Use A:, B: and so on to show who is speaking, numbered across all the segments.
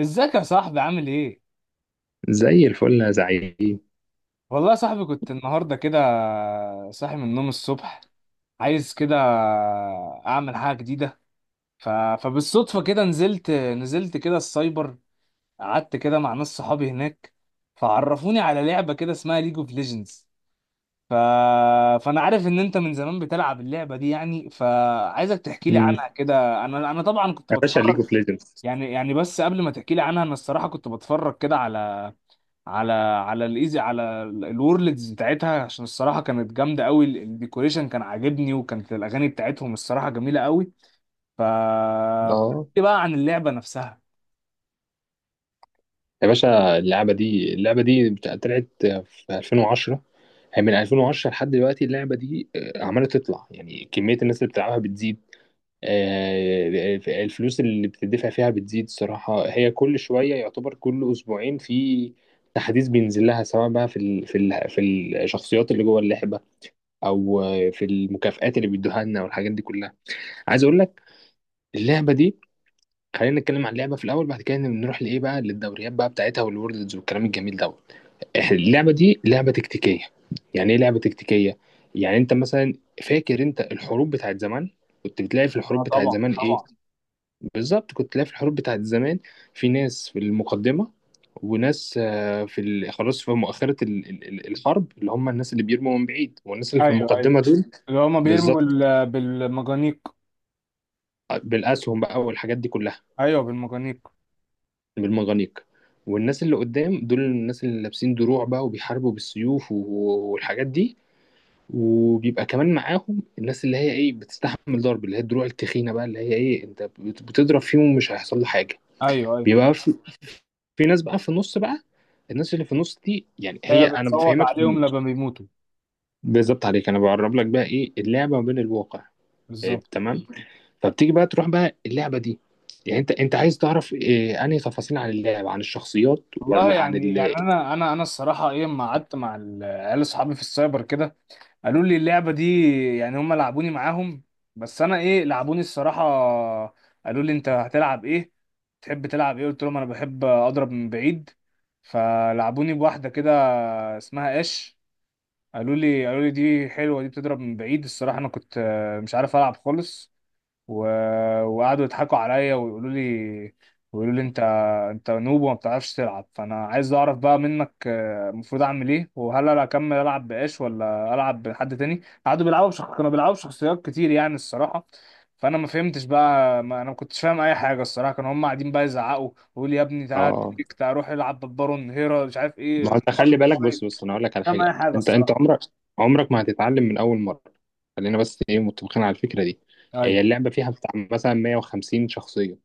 A: ازيك يا صاحبي، عامل ايه؟
B: زي الفل يا زعيم.
A: والله يا صاحبي، كنت النهارده كده صاحي من النوم الصبح، عايز كده اعمل حاجه جديده. فبالصدفه كده نزلت كده السايبر، قعدت كده مع ناس صحابي هناك، فعرفوني على لعبه كده اسمها ليج اوف ليجندز. ف... فانا عارف ان انت من زمان بتلعب اللعبه دي يعني، فعايزك تحكي لي
B: مم.
A: عنها كده، انا طبعا كنت
B: يا باشا ليج
A: بتفرج.
B: اوف ليجندز.
A: يعني بس قبل ما تحكي لي عنها، انا الصراحه كنت بتفرج كده على الايزي، على الورلدز بتاعتها، عشان الصراحه كانت جامده قوي. الديكوريشن كان عاجبني، وكانت الاغاني بتاعتهم الصراحه جميله قوي. ف
B: اه،
A: إيه بقى عن اللعبه نفسها؟
B: يا باشا اللعبة دي طلعت في 2010. هي من 2010 لحد دلوقتي، اللعبة دي عمالة تطلع. يعني كمية الناس اللي بتلعبها بتزيد، الفلوس اللي بتدفع فيها بتزيد. الصراحة هي كل شوية، يعتبر كل أسبوعين في تحديث بينزل لها، سواء بقى في الشخصيات اللي جوه اللعبة، أو في المكافآت اللي بيدوها لنا والحاجات دي كلها. عايز أقول لك اللعبة دي، خلينا نتكلم عن اللعبة في الأول، بعد كده نروح لإيه بقى، للدوريات بقى بتاعتها والوردز والكلام الجميل ده. إحنا اللعبة دي لعبة تكتيكية. يعني ايه لعبة تكتيكية؟ يعني انت مثلا فاكر انت الحروب بتاعت زمان؟ كنت بتلاقي في الحروب
A: اه،
B: بتاعت
A: طبعا
B: زمان ايه؟
A: طبعا.
B: بالظبط، كنت تلاقي في الحروب بتاعت زمان في ناس في المقدمة، وناس خلاص، في مؤخرة الحرب، اللي هم الناس اللي بيرموا من بعيد، والناس اللي في
A: ايوه ايوه،
B: المقدمة دول
A: اللي هما بيرموا
B: بالظبط،
A: بالمجانيق.
B: بالأسهم بقى والحاجات دي كلها،
A: ايوه بالمجانيق.
B: بالمغانيق. والناس اللي قدام دول الناس اللي لابسين دروع بقى وبيحاربوا بالسيوف والحاجات دي. وبيبقى كمان معاهم الناس اللي هي ايه بتستحمل ضرب، اللي هي الدروع التخينه بقى، اللي هي ايه انت بتضرب فيهم مش هيحصل له حاجه.
A: ايوه ايوه،
B: بيبقى في ناس بقى في النص بقى. الناس اللي في النص دي، يعني هي
A: هي
B: انا
A: بتصوت عليهم لما بيموتوا.
B: بالظبط، عليك انا بعرب لك بقى ايه اللعبه ما بين الواقع. إيه
A: بالظبط.
B: تمام. فبتيجي بقى تروح بقى اللعبه دي، يعني انت عايز تعرف إيه، انهي تفاصيل عن اللعبه، عن الشخصيات،
A: والله،
B: ولا عن
A: يعني
B: ال.
A: انا الصراحه ايه، لما قعدت مع العيال اصحابي في السايبر كده، قالوا لي اللعبة دي، يعني هم لعبوني معاهم. بس انا ايه لعبوني الصراحة، قالوا لي انت هتلعب ايه، تحب تلعب ايه، قلت لهم انا بحب اضرب من بعيد، فلعبوني بواحدة كده اسمها اش. قالوا لي دي حلوة، دي بتضرب من بعيد. الصراحة انا كنت مش عارف العب خالص. و... وقعدوا يضحكوا عليا ويقولوا لي انت نوب وما بتعرفش تلعب. فانا عايز اعرف بقى منك المفروض اعمل ايه، وهل انا اكمل العب باش ولا العب بحد تاني؟ كانوا بيلعبوا بشخصيات كتير يعني الصراحه. فانا ما فهمتش بقى، ما انا ما كنتش فاهم اي حاجه الصراحه. كانوا هم قاعدين بقى يزعقوا ويقولوا لي يا ابني تعالى
B: اه،
A: تريك، تعالى روح العب بالبارون هيرا، مش عارف
B: ما
A: ايه
B: انت خلي
A: الأرن
B: بالك، بص
A: كويس، مش
B: بص، انا اقول لك على
A: فاهم اي
B: حاجه.
A: حاجه
B: انت
A: الصراحه.
B: عمرك، عمرك ما هتتعلم من اول مره. خلينا بس ايه متفقين على الفكره دي. هي
A: ايوه
B: اللعبه فيها بتاع مثلا 150 شخصيه.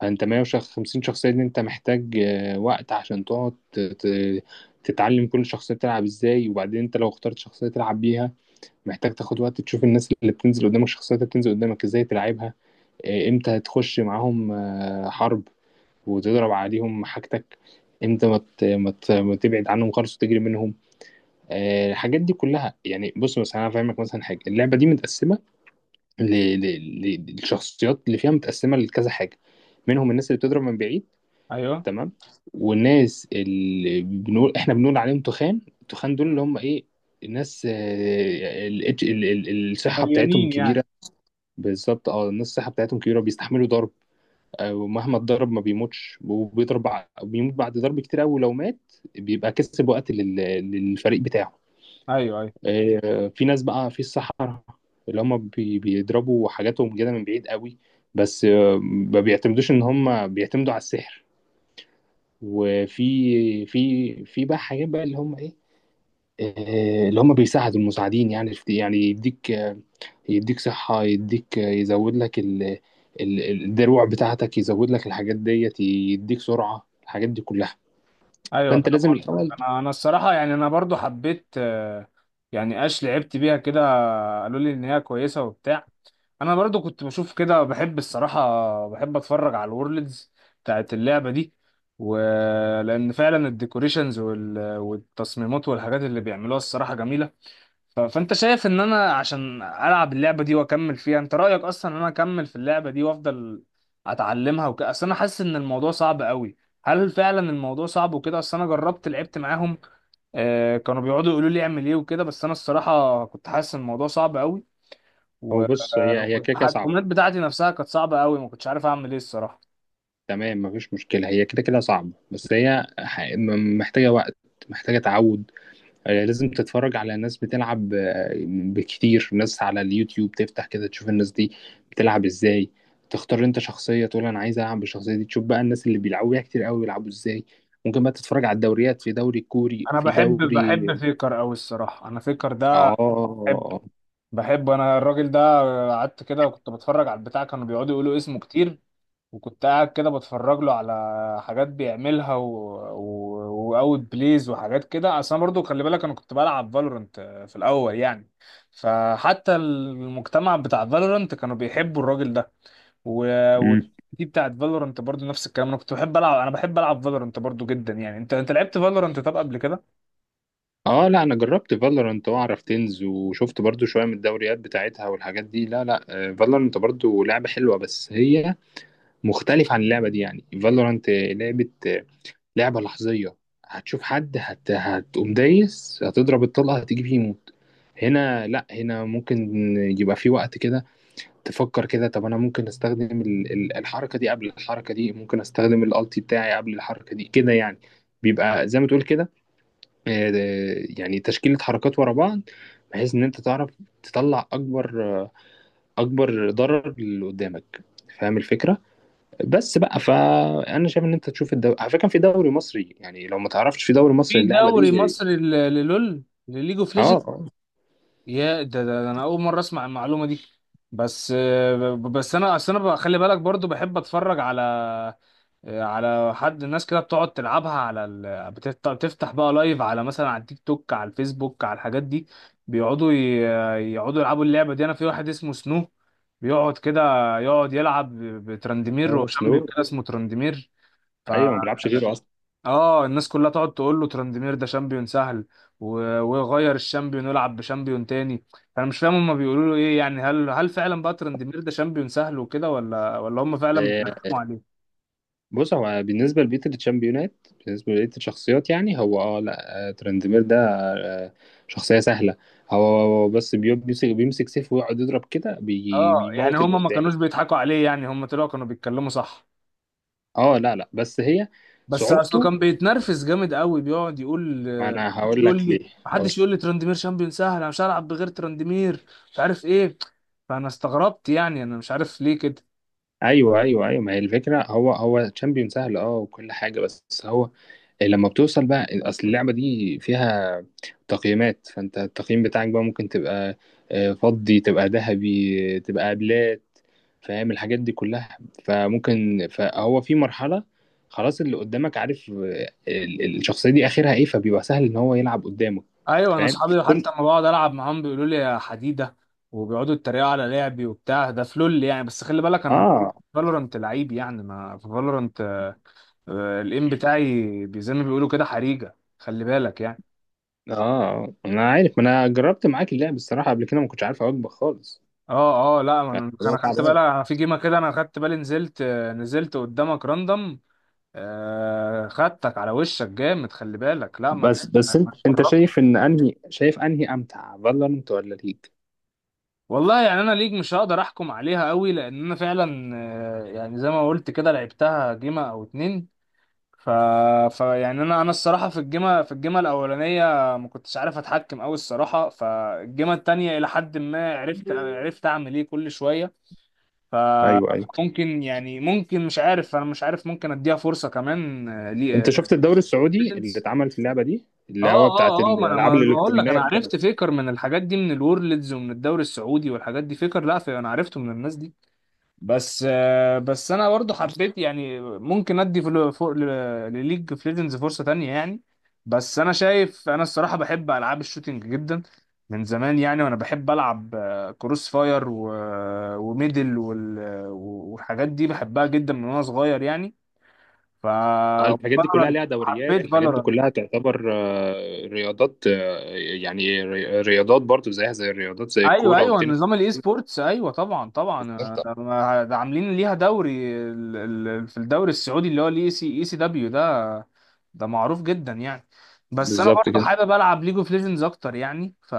B: فانت 150 شخصيه دي انت محتاج وقت عشان تقعد تتعلم كل شخصيه تلعب ازاي. وبعدين انت لو اخترت شخصيه تلعب بيها محتاج تاخد وقت تشوف الناس اللي بتنزل قدامك، الشخصيات اللي بتنزل قدامك ازاي تلعبها، امتى هتخش معاهم حرب، وتضرب عليهم حاجتك، انت ما تبعد عنهم خالص وتجري منهم. الحاجات دي كلها يعني. بص مثلا انا فاهمك، مثلا حاجه، اللعبه دي متقسمه ل... للشخصيات اللي فيها، متقسمه لكذا حاجه. منهم الناس اللي بتضرب من بعيد.
A: ايوه،
B: تمام. والناس اللي بنقول احنا بنقول عليهم تخان، التخان دول اللي هم ايه، الناس الصحه بتاعتهم
A: مليانين
B: كبيره.
A: يعني.
B: بالظبط، اه، الناس الصحه بتاعتهم كبيره، بيستحملوا ضرب. ومهما اتضرب ما بيموتش، وبيضرب بيموت بعد ضرب كتير قوي. لو مات، بيبقى كسب وقت للفريق بتاعه.
A: ايوه ايوه
B: في ناس بقى في الصحراء، اللي هم بيضربوا حاجاتهم كده من بعيد قوي. بس ما بيعتمدوش، ان هم بيعتمدوا على السحر. وفي في في بقى حاجات بقى، اللي هم ايه، اللي هم بيساعدوا المساعدين يعني، يعني يديك، يديك صحة، يديك يزود لك الدروع بتاعتك، يزود لك الحاجات ديت، يديك سرعة، الحاجات دي كلها.
A: ايوه،
B: فأنت
A: فاهم
B: لازم
A: قصدك.
B: الأول.
A: انا الصراحه يعني، انا برضو حبيت يعني اش لعبت بيها كده، قالوا لي ان هي كويسه وبتاع. انا برضو كنت بشوف كده، بحب الصراحه، بحب اتفرج على الورلدز بتاعت اللعبه دي، ولان فعلا الديكوريشنز والتصميمات والحاجات اللي بيعملوها الصراحه جميله. فانت شايف ان انا عشان العب اللعبه دي واكمل فيها، انت رايك اصلا ان انا اكمل في اللعبه دي وافضل اتعلمها وكده؟ اصل انا حاسس ان الموضوع صعب قوي. هل فعلا الموضوع صعب وكده؟ اصل انا جربت لعبت معاهم كانوا بيقعدوا يقولوا لي اعمل ايه وكده، بس انا الصراحه كنت حاسس ان الموضوع صعب قوي.
B: هو بص، هي هي كده كده صعبة.
A: والتحكمات بتاعتي نفسها كانت صعبه قوي، ما كنتش عارف اعمل ايه الصراحه.
B: تمام، مفيش مشكلة. هي كده كده صعبة بس هي محتاجة وقت، محتاجة تعود. لازم تتفرج على ناس بتلعب، بكتير ناس على اليوتيوب، تفتح كده تشوف الناس دي بتلعب ازاي. تختار انت شخصية، تقول انا عايز العب بالشخصية دي، تشوف بقى الناس اللي بيلعبوا بيها كتير قوي بيلعبوا ازاي. ممكن بقى تتفرج على الدوريات، في دوري كوري،
A: انا
B: في
A: بحب
B: دوري.
A: بحب فيكر قوي الصراحه، انا فيكر ده بحب
B: اه.
A: بحب انا الراجل ده. قعدت كده وكنت بتفرج على البتاع، كانوا بيقعدوا يقولوا اسمه كتير، وكنت قاعد كده بتفرج له على حاجات بيعملها واوت بليز وحاجات كده. اصل انا برضو خلي بالك، انا كنت بلعب فالورنت في الاول يعني، فحتى المجتمع بتاع فالورنت كانوا بيحبوا الراجل ده. و... و...
B: امم.
A: دي بتاعت فالورنت برضو نفس الكلام، انا كنت بحب العب، انا بحب العب فالورنت برضو جدا يعني، انت لعبت فالورنت طب قبل كده؟
B: اه، لا، انا جربت فالورانت واعرف تنز، وشفت برضو شوية من الدوريات بتاعتها والحاجات دي. لا لا، فالورانت برضو لعبة حلوة، بس هي مختلفة عن اللعبة دي. يعني فالورانت لعبة لحظية. هتشوف حد هتقوم دايس، هتضرب الطلقة، هتيجي فيه يموت. هنا لا، هنا ممكن يبقى في وقت كده تفكر كده. طب انا ممكن استخدم الحركة دي قبل الحركة دي، ممكن استخدم الالتي بتاعي قبل الحركة دي كده، يعني بيبقى زي ما تقول كده، آه، يعني تشكيلة حركات ورا بعض، بحيث ان انت تعرف تطلع اكبر، اكبر ضرر اللي قدامك. فاهم الفكرة؟ بس بقى، فانا شايف ان انت تشوف الدوري. على فكره، كان في دوري مصري يعني، لو ما تعرفش، في دوري
A: في
B: مصري اللعبه
A: دوري
B: دي.
A: مصري للول، لليج اوف؟
B: اه اه
A: يا ده انا اول مره اسمع المعلومه دي. بس بس انا اصل انا خلي بالك برضو بحب اتفرج على على حد الناس كده بتقعد تلعبها على بتفتح بقى لايف، على مثلا على التيك توك، على الفيسبوك، على الحاجات دي. بيقعدوا يقعدوا يلعبوا اللعبه دي. انا في واحد اسمه سنو، بيقعد كده يقعد يلعب بترندمير،
B: اه. سنو؟
A: وشامبيون كده اسمه ترندمير.
B: ايوه، ما بيلعبش غيره اصلا.
A: اه، الناس كلها تقعد تقول له تراندمير ده شامبيون سهل، ويغير الشامبيون ويلعب بشامبيون تاني. فانا مش فاهم هما بيقولوا له ايه يعني، هل فعلا بقى تراندمير ده شامبيون سهل وكده، ولا هما فعلا
B: آه،
A: بيترخموا عليه؟
B: بص، هو بالنسبه لبيت الشامبيونات، بالنسبه لبيت الشخصيات، يعني هو لا، ترندمير ده آه، شخصيه سهله. هو بس بيمسك سيف ويقعد يضرب كده،
A: اه، يعني
B: بيموت اللي
A: هما ما كانوش
B: قدامه.
A: بيضحكوا عليه يعني، هما طلعوا كانوا بيتكلموا صح؟
B: اه، لا لا، بس هي
A: بس اصله
B: صعوبته،
A: كان بيتنرفز جامد قوي، بيقعد يقول
B: ما انا
A: محدش
B: هقول
A: يقول
B: لك ليه.
A: لي محدش يقول لي تراندمير شامبيون سهل، انا مش هلعب بغير تراندمير، مش عارف ايه. فانا استغربت يعني، انا مش عارف ليه كده.
B: ايوه ايوه ايوه، ما هي الفكره. هو تشامبيون سهل اه وكل حاجه، بس هو لما بتوصل بقى، اصل اللعبه دي فيها تقييمات، فانت التقييم بتاعك بقى ممكن تبقى فضي، تبقى ذهبي، تبقى ابلات. فاهم الحاجات دي كلها. فممكن، فهو في مرحله خلاص، اللي قدامك عارف الشخصيه دي اخرها ايه، فبيبقى سهل ان هو يلعب قدامه.
A: ايوه، انا
B: فاهم؟
A: اصحابي
B: كل.
A: حتى لما بقعد العب معاهم بيقولوا لي يا حديده، وبيقعدوا يتريقوا على لعبي وبتاع، ده في لول يعني، بس خلي بالك انا
B: اه
A: فالورنت لعيب يعني، ما في فالورنت الايم بتاعي زي ما بيقولوا كده حريجه، خلي بالك يعني.
B: اه، انا عارف، ما انا جربت معاك اللعب الصراحه قبل كده، ما كنتش عارف اوجبك خالص.
A: اه اه، لا،
B: يعني
A: انا
B: هو
A: انا خدت بالي،
B: تعبان.
A: انا في جيمه كده انا خدت بالي، نزلت نزلت قدامك راندم، خدتك على وشك جامد، خلي بالك، لا ما
B: بس
A: ما
B: انت
A: تقربش.
B: شايف انهي امتع، فالورنت ولا ليج؟
A: والله يعني، انا ليج مش هقدر احكم عليها قوي، لان انا فعلا يعني زي ما قلت كده لعبتها جيمة او اتنين. ف... ف يعني انا الصراحه في الجيمة الاولانيه ما كنتش عارف اتحكم قوي الصراحه. فالجيمة التانية الى حد ما عرفت اعمل ايه كل شويه. ف-
B: ايوه ايوه.
A: فممكن يعني ممكن، مش عارف، انا مش عارف ممكن اديها فرصه كمان
B: انت
A: لي
B: شفت الدوري السعودي اللي
A: بيشنس.
B: اتعمل في اللعبه دي،
A: اه
B: اللي هو بتاعت
A: اه اه، ما انا
B: الالعاب
A: ما أنا بقول لك،
B: الالكترونيه
A: انا
B: وكده.
A: عرفت فيكر من الحاجات دي، من الورلدز ومن الدوري السعودي والحاجات دي فيكر، لا، في انا عرفته من الناس دي. بس بس انا برضو حبيت يعني ممكن ادي فوق لليج اوف ليجندز فرصه تانية يعني. بس انا شايف، انا الصراحه بحب العاب الشوتينج جدا من زمان يعني، وانا بحب العب كروس فاير وميدل والحاجات دي، بحبها جدا من وانا صغير يعني.
B: الحاجات دي كلها
A: فالورانت
B: ليها دوريات،
A: حبيت
B: الحاجات دي
A: فالورانت.
B: كلها تعتبر رياضات، يعني رياضات برضو، زيها زي الرياضات، زي
A: ايوه
B: الكوره
A: ايوه،
B: والتنس.
A: نظام الاي سبورتس، ايوه طبعا طبعا،
B: بالظبط.
A: ده ما- ده عاملين ليها دوري. في الدوري السعودي اللي هو الاي سي اي سي دبليو ده، ده معروف جدا يعني. بس انا
B: بالظبط
A: برضو
B: كده.
A: حابب العب ليج اوف ليجندز اكتر يعني،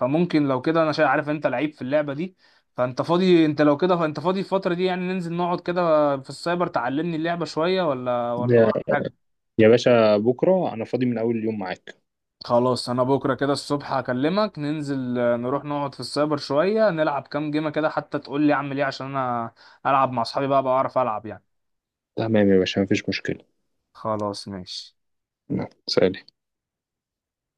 A: فممكن لو كده انا عارف انت لعيب في اللعبه دي، فانت فاضي انت لو كده فانت فاضي الفتره دي يعني، ننزل نقعد كده في السايبر تعلمني اللعبه شويه، ولا
B: يا
A: وراك؟
B: يا باشا، بكره انا فاضي من اول اليوم معاك.
A: خلاص، انا بكره كده الصبح هكلمك، ننزل نروح نقعد في السايبر شويه، نلعب كام جيمه كده حتى تقول لي اعمل ايه، عشان انا العب مع اصحابي بقى، بعرف العب يعني.
B: تمام يا باشا، مفيش مشكله.
A: خلاص ماشي.
B: نعم، سلام.